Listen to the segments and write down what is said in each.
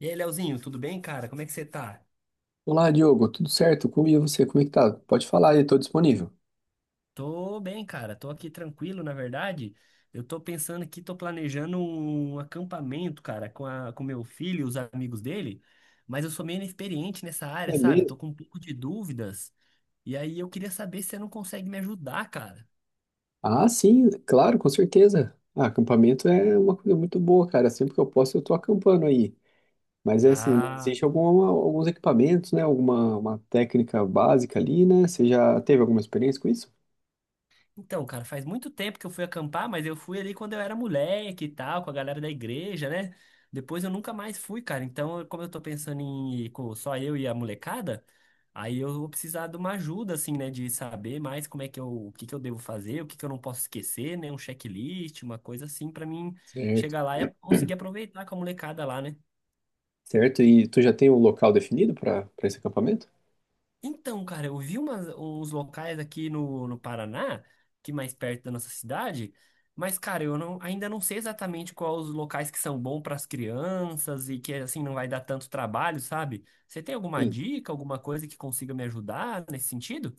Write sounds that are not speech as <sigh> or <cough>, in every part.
E aí, Leozinho, tudo bem, cara? Como é que você tá? Olá, Diogo, tudo certo? Como e você? Como é que tá? Pode falar, aí, estou disponível. Tô bem, cara. Tô aqui tranquilo, na verdade. Eu tô pensando aqui, tô planejando um acampamento, cara, com meu filho e os amigos dele, mas eu sou meio inexperiente nessa área, É sabe? mesmo? Tô com um pouco de dúvidas. E aí eu queria saber se você não consegue me ajudar, cara. Ah, sim, claro, com certeza. Ah, acampamento é uma coisa muito boa, cara. Sempre que eu posso, eu tô acampando aí. Mas é assim, Ah. existe alguma, alguns equipamentos, né? Alguma uma técnica básica ali, né? Você já teve alguma experiência com isso? Então, cara, faz muito tempo que eu fui acampar, mas eu fui ali quando eu era moleque e tal, com a galera da igreja, né? Depois eu nunca mais fui, cara. Então, como eu tô pensando em ir com só eu e a molecada, aí eu vou precisar de uma ajuda, assim, né? De saber mais como é que eu, o que que eu devo fazer, o que que eu não posso esquecer, né? Um checklist, uma coisa assim, pra mim Certo. chegar lá e conseguir aproveitar com a molecada lá, né? Certo, e tu já tem um local definido para esse acampamento? Então, cara, eu vi umas, uns locais aqui no Paraná, que mais perto da nossa cidade, mas, cara, eu não, ainda não sei exatamente quais os locais que são bons para as crianças e que, assim, não vai dar tanto trabalho, sabe? Você tem alguma Sim. dica, alguma coisa que consiga me ajudar nesse sentido?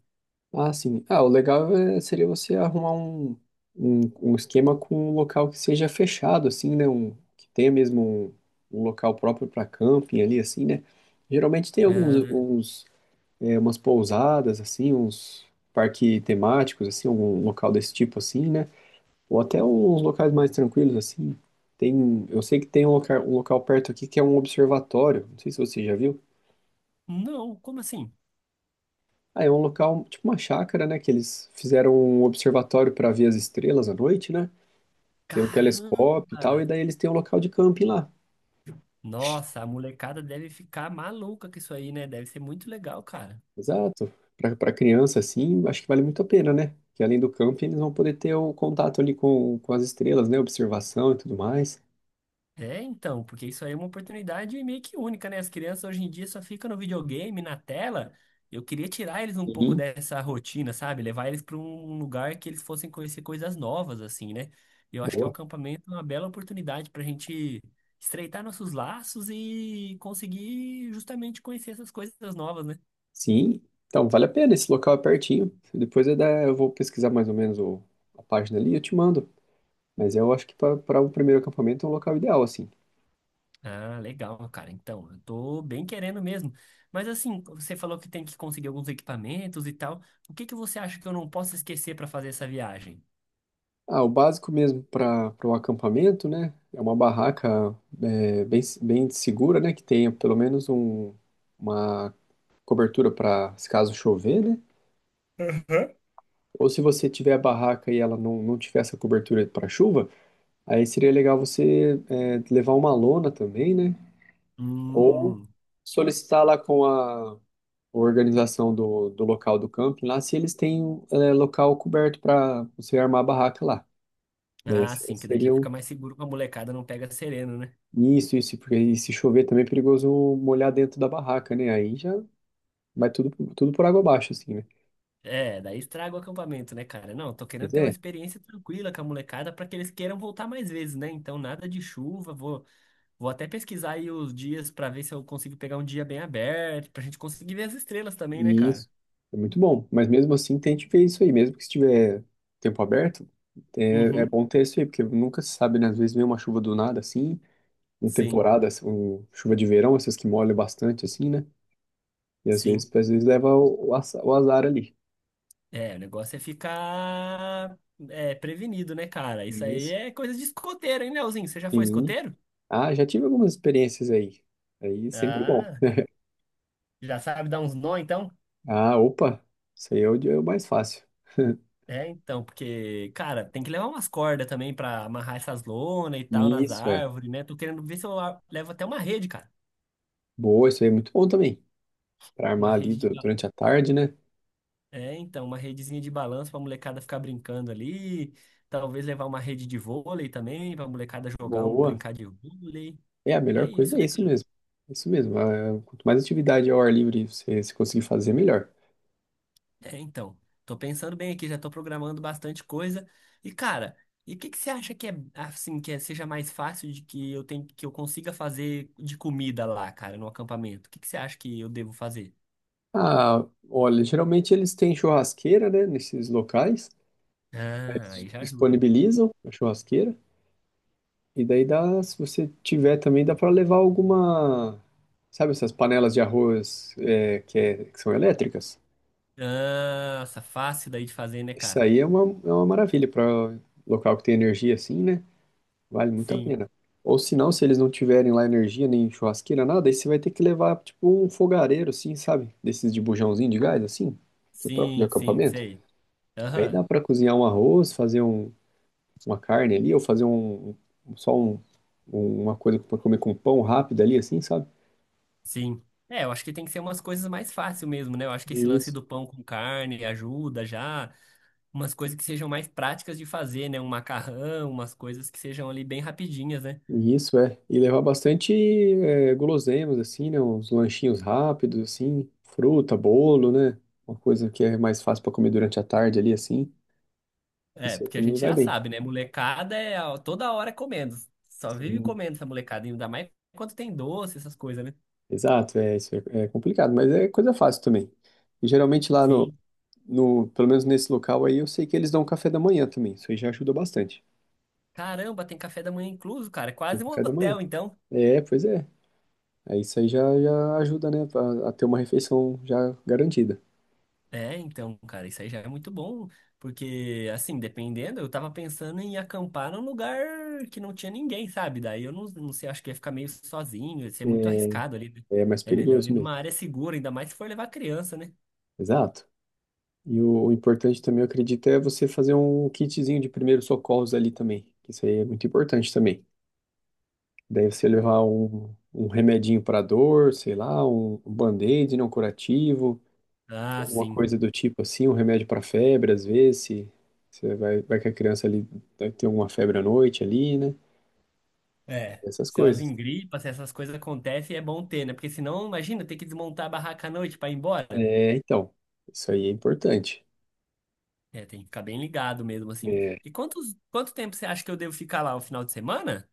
Ah, sim. O seria você arrumar um, um esquema com um local que seja fechado, assim, né? Um, que tenha mesmo um, um local próprio para camping ali, assim, né? Geralmente tem alguns, Ah, uns, umas pousadas, assim, uns parques temáticos, assim, algum local desse tipo, assim, né? Ou até uns locais mais tranquilos, assim. Tem, eu sei que tem um local perto aqui que é um observatório. Não sei se você já viu. não, como assim? Ah, é um local, tipo uma chácara, né? Que eles fizeram um observatório para ver as estrelas à noite, né? Tem um telescópio e tal, Caramba! e daí eles têm um local de camping lá. Nossa, a molecada deve ficar maluca com isso aí, né? Deve ser muito legal, cara. Exato. Para criança, assim, acho que vale muito a pena, né? Que além do camping, eles vão poder ter o contato ali com as estrelas, né? Observação e tudo mais. É, então, porque isso aí é uma oportunidade meio que única, né? As crianças hoje em dia só ficam no videogame, na tela. Eu queria tirar eles um pouco Sim, dessa rotina, sabe? Levar eles para um lugar que eles fossem conhecer coisas novas, assim, né? Eu acho que é o boa. acampamento é uma bela oportunidade para a gente estreitar nossos laços e conseguir justamente conhecer essas coisas novas, né? Sim, então vale a pena. Esse local é pertinho. Depois eu vou pesquisar mais ou menos a página ali e eu te mando. Mas eu acho que para o primeiro acampamento é um local ideal, assim. Ah, legal, cara. Então, eu tô bem querendo mesmo. Mas assim, você falou que tem que conseguir alguns equipamentos e tal. O que que você acha que eu não posso esquecer para fazer essa viagem? Ah, o básico mesmo para o acampamento, né? É uma barraca bem, bem segura, né? Que tenha pelo menos um, uma cobertura para se caso chover, né? Ou se você tiver a barraca e ela não tiver essa cobertura para chuva, aí seria legal você levar uma lona também, né? Ou Hum, solicitar lá com a organização do, do local do camping lá se eles têm local coberto para você armar a barraca lá. Né? ah, Esse sim, que daí já seria um. fica mais seguro que a molecada não pega sereno, né? Isso, porque aí se chover também é perigoso molhar dentro da barraca, né? Aí já vai tudo, tudo por água abaixo, assim, né? É, daí estraga o acampamento, né, cara? Não, tô querendo Pois ter uma é, experiência tranquila com a molecada pra que eles queiram voltar mais vezes, né? Então, nada de chuva, vou até pesquisar aí os dias pra ver se eu consigo pegar um dia bem aberto, pra gente conseguir ver as estrelas também, né, e cara? isso é muito bom. Mas mesmo assim tente ver isso aí, mesmo que estiver tempo aberto, é, é Uhum, bom ter isso aí, porque nunca se sabe, né? Às vezes vem uma chuva do nada, assim, uma sim, temporada, assim, um, chuva de verão, essas que molham bastante, assim, né? E sim. Às vezes leva o o azar ali. É, o negócio é ficar prevenido, né, cara? Isso aí Isso. é coisa de escoteiro, hein, Leozinho? Você já foi Sim. escoteiro? Ah, já tive algumas experiências aí. Aí é sempre bom. Ah, já sabe dar uns nó, então? Ah, opa, isso aí é é o mais fácil. <laughs> É, então, porque, cara, tem que levar umas cordas também pra amarrar essas lonas e tal nas Isso, é. árvores, né? Tô querendo ver se eu levo até uma rede, cara. Boa, isso aí é muito bom também. Para Uma armar ali rede de. Ba- durante a tarde, né? É, então, uma redezinha de balanço pra molecada ficar brincando ali. Talvez levar uma rede de vôlei também, pra molecada Boa. brincar de vôlei. É, a É melhor coisa isso, é né? isso mesmo. Isso mesmo. Ah, quanto mais atividade ao ar livre você conseguir fazer, melhor. É, então, tô pensando bem aqui, já tô programando bastante coisa. E cara, e o que que você acha que é assim, seja mais fácil de que eu tenho, que eu consiga fazer de comida lá, cara, no acampamento? O que que você acha que eu devo fazer? Ah, olha, geralmente eles têm churrasqueira, né? Nesses locais. Ah, Eles aí já ajuda, né? disponibilizam a churrasqueira. E daí dá, se você tiver também, dá para levar alguma. Sabe essas panelas de arroz que são elétricas? Nossa, fácil daí de fazer, né, Isso cara? aí é uma maravilha para local que tem energia assim, né? Vale muito a Sim, pena. Ou se não, se eles não tiverem lá energia, nem churrasqueira, nada, aí você vai ter que levar, tipo, um fogareiro, assim, sabe? Desses de bujãozinho de gás, assim, que é próprio de sim, sim, acampamento. sei. Aí Aham, dá para cozinhar um arroz, fazer um, uma carne ali, ou fazer só um, um, uma coisa para comer com um pão rápido ali, assim, sabe? sim. É, eu acho que tem que ser umas coisas mais fáceis mesmo, né? Eu acho que esse lance Isso. do pão com carne ajuda já. Umas coisas que sejam mais práticas de fazer, né? Um macarrão, umas coisas que sejam ali bem rapidinhas, né? Isso, é. E levar bastante guloseimas, assim, né? Uns lanchinhos rápidos, assim, fruta, bolo, né? Uma coisa que é mais fácil para comer durante a tarde ali, assim. É, Isso aí porque a também gente vai já bem. sabe, né? Molecada toda hora é comendo. Só vive Sim. comendo essa molecada, ainda mais quando tem doce, essas coisas, né? Exato, é, isso é, é complicado, mas é coisa fácil também. E geralmente lá no, Sim. no, pelo menos nesse local aí, eu sei que eles dão café da manhã também. Isso aí já ajuda bastante. Caramba, tem café da manhã incluso, cara. É Tem quase um café da manhã. hotel, então. É, pois é. Aí isso aí já, já ajuda, né? A ter uma refeição já garantida. É, então, cara, isso aí já é muito bom, porque, assim, dependendo, eu tava pensando em acampar num lugar que não tinha ninguém, sabe? Daí eu não sei, acho que ia ficar meio sozinho, ia ser muito É, arriscado ali. Né? é mais É melhor perigoso ir mesmo. numa área segura, ainda mais se for levar criança, né? Exato. E o importante também, eu acredito, é você fazer um kitzinho de primeiros socorros ali também. Isso aí é muito importante também. Daí você levar um, um remedinho para dor, sei lá, um band-aid não curativo, Ah, alguma sim. coisa do tipo assim, um remédio para febre, às vezes, se você vai que a criança ali vai ter alguma febre à noite ali, né? É. Essas Se elas coisas. engripam, se essas coisas acontecem, é bom ter, né? Porque senão, imagina, ter que desmontar a barraca à noite pra ir embora. É, então, isso aí é importante. É, tem que ficar bem ligado mesmo, assim. É, E quanto tempo você acha que eu devo ficar lá o final de semana?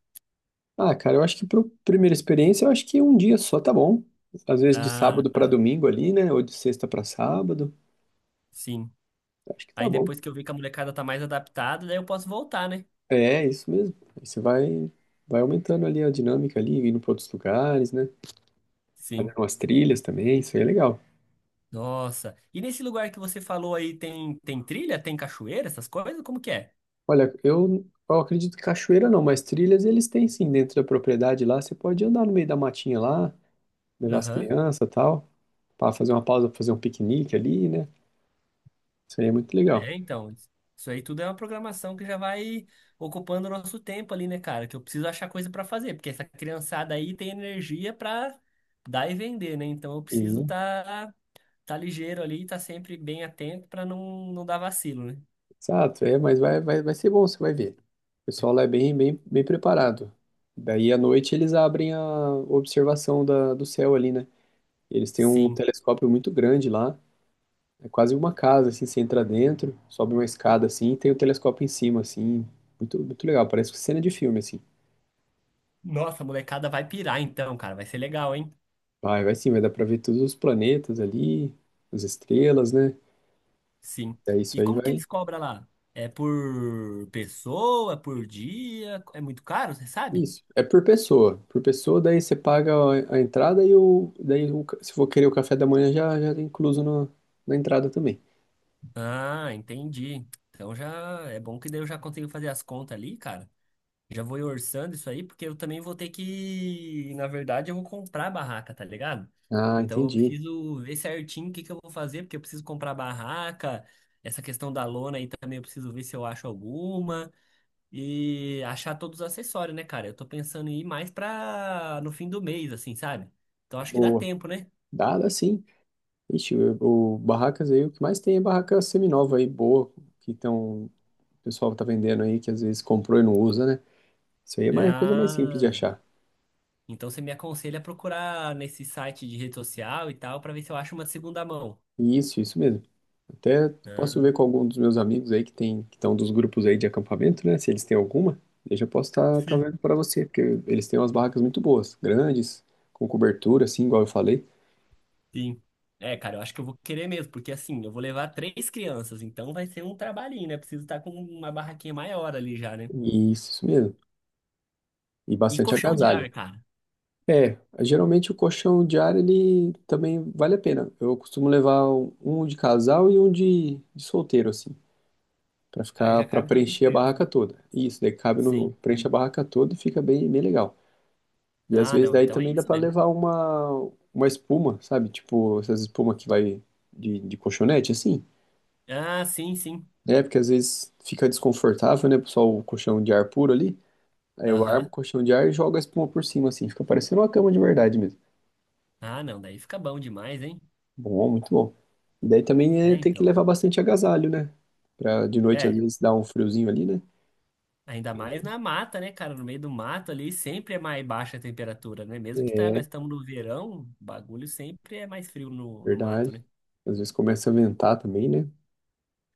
ah, cara, eu acho que para primeira experiência, eu acho que um dia só tá bom. Às vezes de Ah, sábado para tá. domingo ali, né? Ou de sexta para sábado. Sim. Acho que tá Aí bom. depois que eu ver que a molecada tá mais adaptada, daí eu posso voltar, né? É, isso mesmo. Aí você vai, vai aumentando ali a dinâmica ali, indo para outros lugares, né? Sim. Fazendo umas trilhas também, isso aí é legal. Nossa. E nesse lugar que você falou aí, tem trilha, tem cachoeira, essas coisas? Como que é? Olha, eu acredito que cachoeira não, mas trilhas eles têm sim dentro da propriedade lá. Você pode andar no meio da matinha lá, levar as Aham. crianças e tal, para fazer uma pausa, pra fazer um piquenique ali, né? Isso aí é muito legal. É, então. Isso aí tudo é uma programação que já vai ocupando o nosso tempo ali, né, cara? Que eu preciso achar coisa pra fazer, porque essa criançada aí tem energia pra dar e vender, né? Então eu E preciso tá ligeiro ali, tá sempre bem atento pra não dar vacilo, né? exato, é, mas vai, vai, vai ser bom, você vai ver. O pessoal lá é bem, bem, bem preparado. Daí à noite eles abrem a observação da, do céu ali, né? Eles têm um Sim. telescópio muito grande lá, é quase uma casa, assim, você entra dentro, sobe uma escada assim, e tem o telescópio em cima, assim, muito, muito legal, parece cena de filme, assim. Nossa, a molecada vai pirar então, cara. Vai ser legal, hein? Vai, vai sim, vai dar pra ver todos os planetas ali, as estrelas, né? Sim. Daí isso E aí como que vai. eles cobram lá? É por pessoa, por dia? É muito caro, você sabe? Isso, é por pessoa. Por pessoa, daí você paga a entrada e o, daí se for querer o café da manhã já, já tá incluso no, na entrada também. Ah, entendi. Então já é bom que daí eu já consigo fazer as contas ali, cara. Já vou ir orçando isso aí, porque eu também vou ter que, na verdade, eu vou comprar a barraca, tá ligado? Ah, Então eu entendi. preciso ver certinho o que que eu vou fazer, porque eu preciso comprar a barraca. Essa questão da lona aí também eu preciso ver se eu acho alguma. E achar todos os acessórios, né, cara? Eu tô pensando em ir mais pra no fim do mês, assim, sabe? Então acho que dá Boa. tempo, né? Dá, dá sim. Ixi, o barracas aí, o que mais tem é barraca seminova aí, boa, que tão, o pessoal tá vendendo aí, que às vezes comprou e não usa, né? Isso aí é mais, coisa mais simples de Ah, achar. então você me aconselha a procurar nesse site de rede social e tal, pra ver se eu acho uma segunda mão. Isso mesmo. Até posso ver Ah, com algum dos meus amigos aí que tem, que estão dos grupos aí de acampamento, né? Se eles têm alguma, eu já posso estar tá sim. vendo para você, porque eles têm umas barracas muito boas, grandes, com cobertura, assim, igual eu falei. Sim. É, cara, eu acho que eu vou querer mesmo, porque assim, eu vou levar três crianças, então vai ser um trabalhinho, né? Preciso estar com uma barraquinha maior ali já, né? Isso mesmo. E E bastante colchão de agasalho. ar, cara. É, geralmente o colchão diário, ele também vale a pena. Eu costumo levar um de casal e um de solteiro, assim, para Aí ficar, já para cabe todas as preencher a crianças. barraca toda. Isso, daí cabe no, Sim. preenche a barraca toda e fica bem, bem legal. E às Ah, vezes não, daí então é também dá isso pra mesmo. levar uma espuma, sabe? Tipo, essas espumas que vai de colchonete, assim. Ah, sim. É, porque às vezes fica desconfortável, né? Só o colchão de ar puro ali. Aí eu armo o Aham. colchão de ar e jogo a espuma por cima, assim. Fica parecendo uma cama de verdade mesmo. Ah, não, daí fica bom demais, hein? Bom, muito bom. E daí também é, É, tem que então. levar bastante agasalho, né? Pra de noite às É, vezes dar um friozinho ali, né? ainda mais na mata, né, cara? No meio do mato ali sempre é mais baixa a temperatura, né? Mesmo que tá, É nós estamos no verão, o bagulho sempre é mais frio no mato, verdade. né? Às vezes começa a ventar também, né?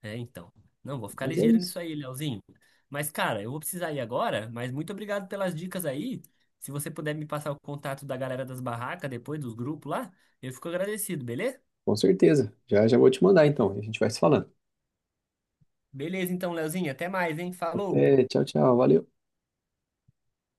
É, então. Não, vou ficar Mas é ligeiro isso. nisso aí, Leozinho. Mas, cara, eu vou precisar ir agora, mas muito obrigado pelas dicas aí. Se você puder me passar o contato da galera das barracas depois, dos grupos lá, eu fico agradecido, beleza? Com certeza. Já já vou te mandar então. A gente vai se falando. Beleza, então, Leozinho, até mais, hein? Falou! Até. Tchau, tchau. Valeu.